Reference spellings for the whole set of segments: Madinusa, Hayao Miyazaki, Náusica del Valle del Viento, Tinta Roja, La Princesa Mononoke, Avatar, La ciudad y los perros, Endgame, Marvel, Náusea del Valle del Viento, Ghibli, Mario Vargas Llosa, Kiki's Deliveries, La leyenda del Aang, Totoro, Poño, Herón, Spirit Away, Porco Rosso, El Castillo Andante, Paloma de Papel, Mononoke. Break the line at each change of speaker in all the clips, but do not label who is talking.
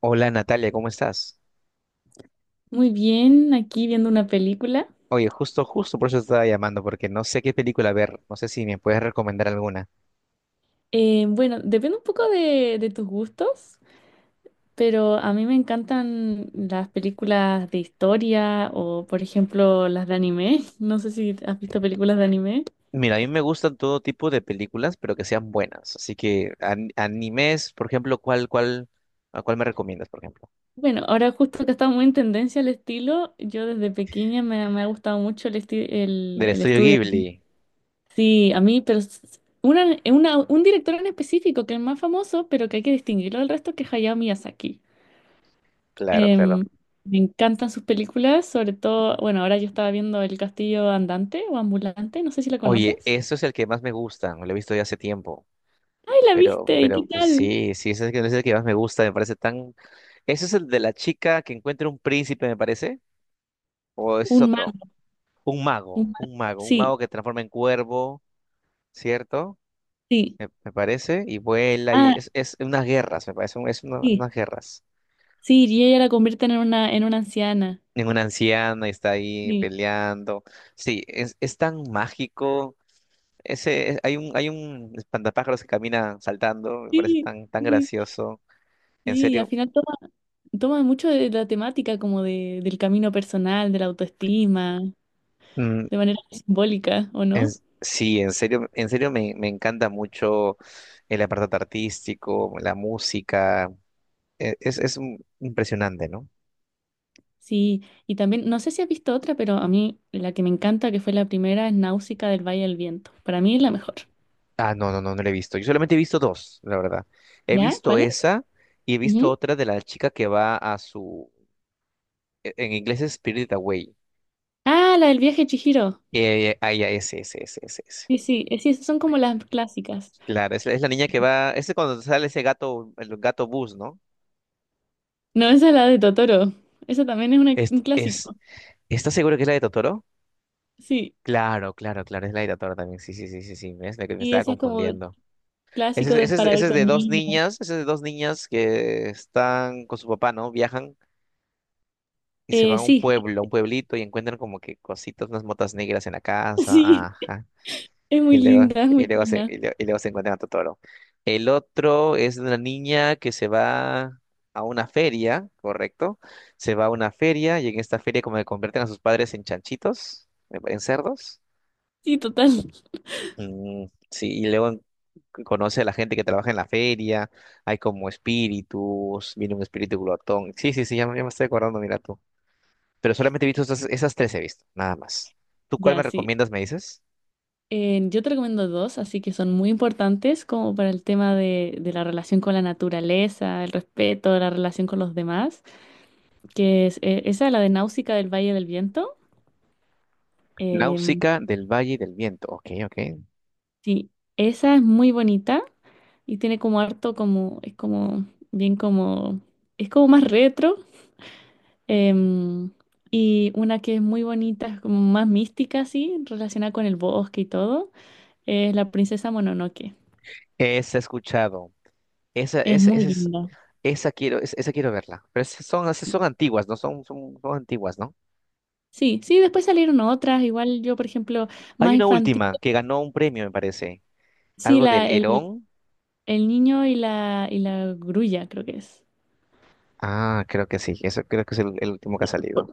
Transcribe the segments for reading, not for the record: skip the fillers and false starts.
Hola Natalia, ¿cómo estás?
Muy bien, aquí viendo una película.
Oye, justo por eso te estaba llamando, porque no sé qué película ver, no sé si me puedes recomendar alguna.
Bueno, depende un poco de tus gustos, pero a mí me encantan las películas de historia o, por ejemplo, las de anime. No sé si has visto películas de anime.
Mira, a mí me gustan todo tipo de películas, pero que sean buenas. Así que animes, por ejemplo, ¿ a cuál me recomiendas, por ejemplo?
Bueno, ahora justo que está muy en tendencia el estilo, yo desde pequeña me ha gustado mucho
Del
el
estudio
estudio.
Ghibli.
Sí, a mí, pero un director en específico que es más famoso, pero que hay que distinguirlo del resto, que es Hayao Miyazaki.
Claro, claro.
Em, Me encantan sus películas, sobre todo, bueno, ahora yo estaba viendo El Castillo Andante o Ambulante, no sé si la
Oye,
conoces.
eso es el que más me gusta, lo he visto ya hace tiempo.
¡Ay, la
Pero,
viste! ¿Y qué
pero pues
tal?
sí, sí, ese es el que más me gusta, me parece tan... ¿Ese es el de la chica que encuentra un príncipe, me parece? ¿O ese es
Un
otro?
mago,
Un
un
mago,
mago.
un mago, un
Sí,
mago que transforma en cuervo, ¿cierto?
sí.
Me parece, y vuela, y
Ah,
es unas guerras, me parece,
sí,
unas guerras.
sí, y ella la convierte en una anciana.
En una anciana y está ahí
Sí,
peleando. Sí, es tan mágico. Hay hay un espantapájaros que camina saltando, me parece
sí,
tan, tan
sí.
gracioso. En
Sí, y al
serio,
final toma mucho de la temática como del camino personal, de la autoestima,
mm,
de manera simbólica, ¿o no?
sí, en serio me encanta mucho el apartado artístico, la música. Es, es impresionante, ¿no?
Sí, y también, no sé si has visto otra, pero a mí la que me encanta, que fue la primera, es Náusica del Valle del Viento. Para mí es la mejor.
Ah, no, no, no, no la he visto. Yo solamente he visto dos, la verdad. He
¿Ya?
visto
¿Cuál es?
esa y he visto
Ujú.
otra de la chica que va a en inglés es Spirit Away.
Ah, la del viaje de Chihiro.
Ya, ese, ese, ese, ese, ese.
Sí, sí, sí, esas son como las clásicas.
Claro, la es la niña que va, ese cuando sale ese gato, el gato bus, ¿no?
No, esa es la de Totoro. Esa también es
Es,
un
es,
clásico.
¿Estás seguro que es la de Totoro?
Sí,
Claro, claro, claro, es la de Totoro también. Sí, sí, sí, sí, sí, ves, me
y
estaba
esa es como el
confundiendo.
clásico de para
Ese
ver
es
con
de dos
niños.
niñas, que están con su papá, ¿no? Viajan, y se van a un
Sí,
pueblo, a un pueblito y encuentran como que cositas, unas motas negras en la casa,
sí,
ajá.
es
Y
muy
luego,
linda, es muy tierna.
y luego se encuentran a Totoro. El otro es de una niña que se va a una feria, ¿correcto? Se va a una feria y en esta feria como que convierten a sus padres en chanchitos, en cerdos.
Sí, total.
Mm, sí, conoce a la gente que trabaja en la feria, hay como espíritus, viene un espíritu glotón. Sí, sí, sí, ya, me estoy acordando, mira tú. Pero solamente he visto esas, esas tres he visto, nada más. ¿Tú cuál me
Ya, sí.
recomiendas, me dices?
Yo te recomiendo dos, así que son muy importantes como para el tema de la relación con la naturaleza, el respeto, la relación con los demás, que es esa, la de Náusica del Valle del Viento. Eh,
Náusica del Valle del Viento. Ok, ok.
sí, esa es muy bonita y tiene como harto como, es como, bien como, es como más retro. em, y una que es muy bonita, es como más mística, así, relacionada con el bosque y todo, es La Princesa Mononoke.
Esa he escuchado. Esa,
Es
esa,
muy
esa es,
linda.
esa quiero, esa quiero verla. Pero esas son antiguas, ¿no? Son antiguas, ¿no?
Sí, sí, después salieron otras, igual yo, por ejemplo,
Hay
más
una
infantil,
última que ganó un premio, me parece.
sí,
Algo del Herón.
el niño y la grulla, creo que es.
Ah, creo que sí. Eso creo que es el último que ha salido.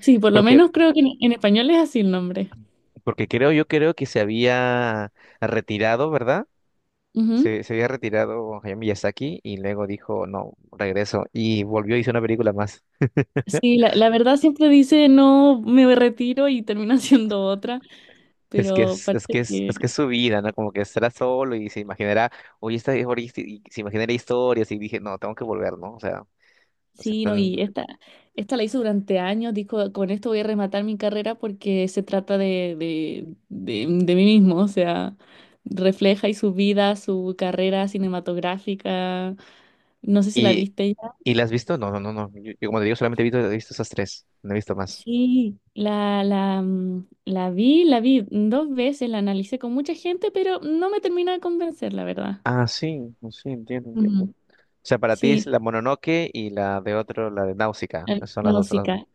Sí, por lo
Porque,
menos creo que en español es así el nombre.
porque creo, yo creo que se había retirado, ¿verdad?
Ujú.
Se había retirado Hayao Miyazaki y luego dijo, no, regreso. Y volvió y hizo una película más.
Sí, la verdad siempre dice, no, me retiro y termina siendo otra, pero parece que
Es que es su vida, ¿no? Como que estará solo y se imaginará, y se imaginará historias y dije, no, tengo que volver, ¿no? O sea,
sí. No,
tan...
y esta la hizo durante años, dijo, con esto voy a rematar mi carrera porque se trata de mí mismo, o sea, refleja y su vida, su carrera cinematográfica, no sé si la
¿Y,
viste ya.
y la has visto? No, no, no, no. Yo, como te digo, solamente he visto esas tres. No he visto más.
Sí, la vi dos veces, la analicé con mucha gente, pero no me termina de convencer, la verdad.
Ah, sí, sí, entiendo, entiendo. O
Ujú.
sea, para ti
Sí,
es la Mononoke y la de otro, la de Náusica. Son
la
las dos,
música.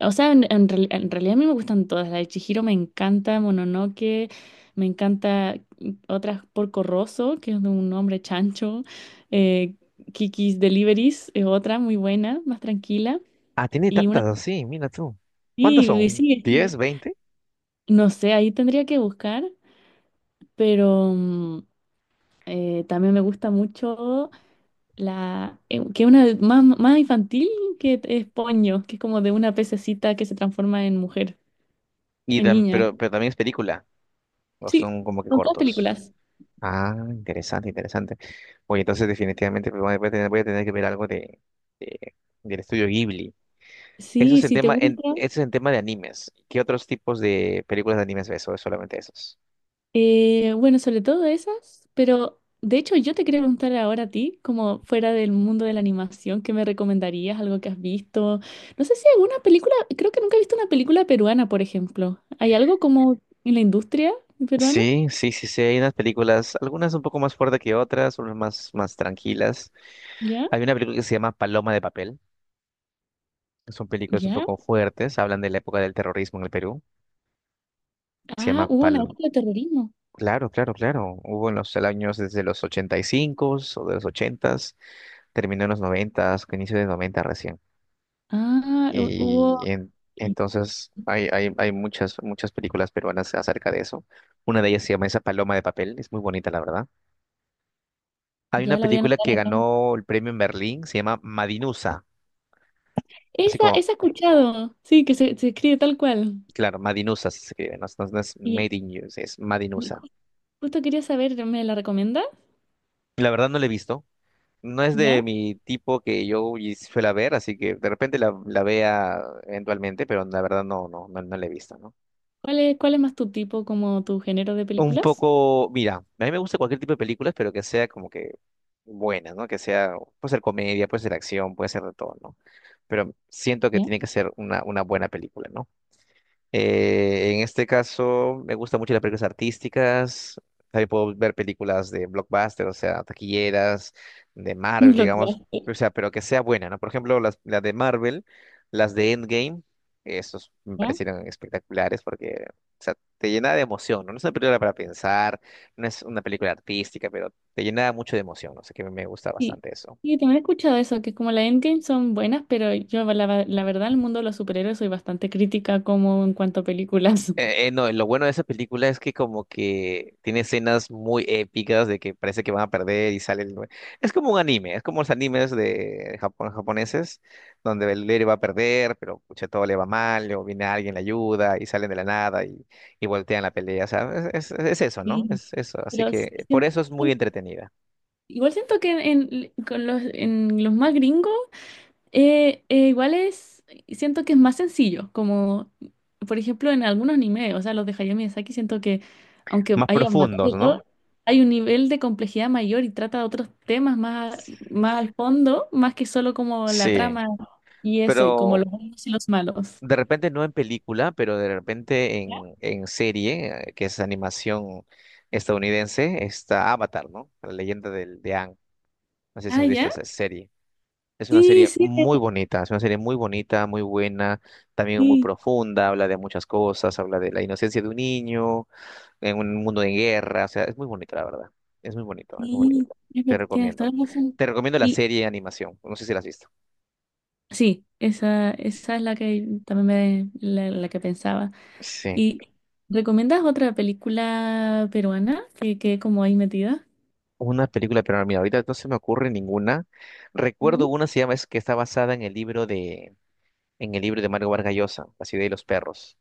O sea, en realidad a mí me gustan todas. La de Chihiro me encanta, Mononoke, me encanta otras Porco Rosso, que es de un hombre chancho. eh, Kiki's Deliveries es otra muy buena, más tranquila.
Ah, tiene
Y una.
tantas, sí, mira tú. ¿Cuántas
Sí, y
son?
sí,
diez
sí.
veinte
No sé, ahí tendría que buscar, pero también me gusta mucho la. Que es una más, más infantil, que es Poño, que es como de una pececita que se transforma en mujer,
Y
en niña.
pero también es película, o
Sí,
son como que
son todas
cortos.
películas.
Ah, interesante, interesante. Oye, entonces definitivamente pues, voy a tener que ver algo de, de- del estudio Ghibli. Eso
Sí,
es en
si te
tema,
gusta.
eso es en tema de animes. ¿Qué otros tipos de películas de animes ves? ¿O es solamente esos?
Bueno, sobre todo esas, pero de hecho yo te quería preguntar ahora a ti, como fuera del mundo de la animación, ¿qué me recomendarías? ¿Algo que has visto? No sé si hay alguna película, creo que nunca he visto una película peruana, por ejemplo. ¿Hay algo como en la industria peruana?
Sí, sí, sí, sí, hay unas películas, algunas un poco más fuertes que otras, unas más, más tranquilas.
¿Ya?
Hay una película que se llama Paloma de Papel, que son películas un
¿Ya?
poco fuertes, hablan de la época del terrorismo en el Perú. Se
Ah,
llama
hubo una época de terrorismo.
Claro, claro, claro. Hubo en los años desde los 85 o de los 80, terminó en los 90, inicio de 90 recién.
Ah, hubo...
Y en- entonces hay, hay muchas, muchas películas peruanas acerca de eso. Una de ellas se llama Esa paloma de papel, es muy bonita, la verdad. Hay una
Ya la voy a
película
anotar
que
acá.
ganó el premio en Berlín, se llama Madinusa, así
Esa,
como,
esa he escuchado. Sí, que se escribe tal cual.
claro, Madinusa se escribe, no es Made
Y
in You, es Madinusa.
justo quería saber, ¿me la recomienda?
La verdad no la he visto, no es
¿Ya?
de mi tipo que yo suela ver, así que de repente la vea eventualmente, pero la verdad no la he visto, ¿no?
¿Cuál es más tu tipo, como tu género de
Un
películas?
poco, mira, a mí me gusta cualquier tipo de películas, pero que sea como que buena, ¿no? Que sea, puede ser comedia, puede ser acción, puede ser de todo, ¿no? Pero siento que
¿Ya?
tiene que ser una buena película, ¿no? En este caso, me gustan mucho las películas artísticas. También puedo ver películas de blockbuster, o sea, taquilleras, de
Un
Marvel, digamos.
Blockbuster,
O sea, pero que sea buena, ¿no? Por ejemplo, las de Marvel, las de Endgame, esos me
¿ya?
parecieron espectaculares porque, o sea, te llena de emoción, ¿no? No es una película para pensar, no es una película artística, pero te llena mucho de emoción, no sé, que me gusta
Sí.
bastante eso.
Sí, también he escuchado eso, que como la Endgame son buenas, pero yo la verdad, el mundo de los superhéroes soy bastante crítica como en cuanto a películas.
No, lo bueno de esa película es que como que tiene escenas muy épicas de que parece que van a perder y sale el... Es como un anime, es como los animes de Japón, japoneses, donde el héroe va a perder, pero pucha, todo le va mal, luego viene alguien, le ayuda y salen de la nada y, y voltean la pelea, o sea, es eso, ¿no?
Sí.
Es eso, así
Pero si-
que por
si-
eso es muy entretenida.
Igual siento que con en los más gringos. Igual es, siento que es más sencillo, como por ejemplo en algunos animes, o sea, los de Hayao Miyazaki, siento que aunque
Más
haya batallas
profundos,
y
¿no?
todo, hay un nivel de complejidad mayor y trata de otros temas más, más al fondo, más que solo como la
Sí,
trama y eso, y como
pero
los buenos y los malos.
de repente no en película, pero de repente
¿Ya?
en serie, que es animación estadounidense, está Avatar, ¿no? La leyenda de Aang. No sé si
Ah,
has visto
¿ya?
esa serie. Es una
Sí,
serie
sí,
muy bonita, es una serie muy bonita, muy buena, también muy
sí,
profunda, habla de muchas cosas, habla de la inocencia de un niño en un mundo de guerra, o sea, es muy bonito, la verdad. Es muy bonito, es muy
sí,
bonito.
es
Te
ver- tienes toda
recomiendo.
la razón.
Te recomiendo la
Y
serie de animación, no sé si la has visto.
sí, esa es la que también me, la la que pensaba.
Sí.
¿Y recomiendas otra película peruana que quede como ahí metida?
Una película, pero mira, ahorita no se me ocurre ninguna. Recuerdo
Ujú.
una, se llama, es que está basada en el libro de, en el libro de Mario Vargas Llosa, La ciudad y los perros.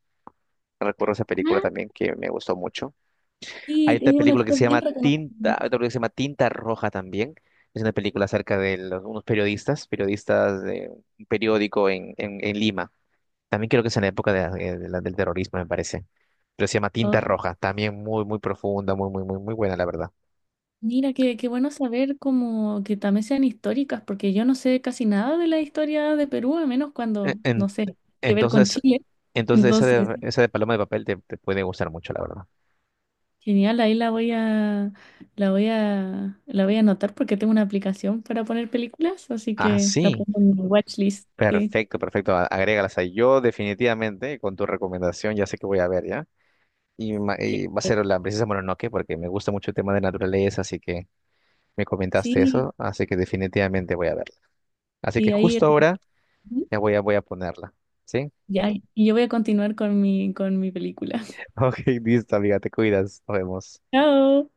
Recuerdo esa película
Ah,
también que me gustó mucho.
sí,
Hay otra
tiene un
película que
actor
se
bien
llama Tinta,
reconocido.
otra película que se llama Tinta Roja también. Es una película acerca de unos periodistas, periodistas de un periódico en, en Lima. También creo que es en la época de del terrorismo, me parece. Pero se llama Tinta
Oh,
Roja. También muy, muy profunda, muy, muy, muy, muy buena, la verdad.
mira, qué, qué bueno saber como que también sean históricas, porque yo no sé casi nada de la historia de Perú, a menos
E-
cuando, no
en-
sé, tiene que ver con
entonces,
Chile.
entonces
Entonces,
esa de paloma de papel te puede gustar mucho, la verdad.
genial, ahí la voy a anotar porque tengo una aplicación para poner películas, así
Ah,
que la
sí.
pongo en mi watchlist. Sí,
Perfecto, perfecto. Agrégalas ahí. Yo definitivamente, con tu recomendación, ya sé que voy a ver, ¿ya? Y,
Ge-
y va a ser la princesa Mononoke, porque me gusta mucho el tema de naturaleza, así que me comentaste
sí,
eso, así que definitivamente voy a verla. Así que
sí, ahí.
justo ahora ya voy a ponerla, ¿sí?
Ya, y yo voy a continuar con mi película.
Ok, listo, amiga, te cuidas. Nos vemos.
Chao.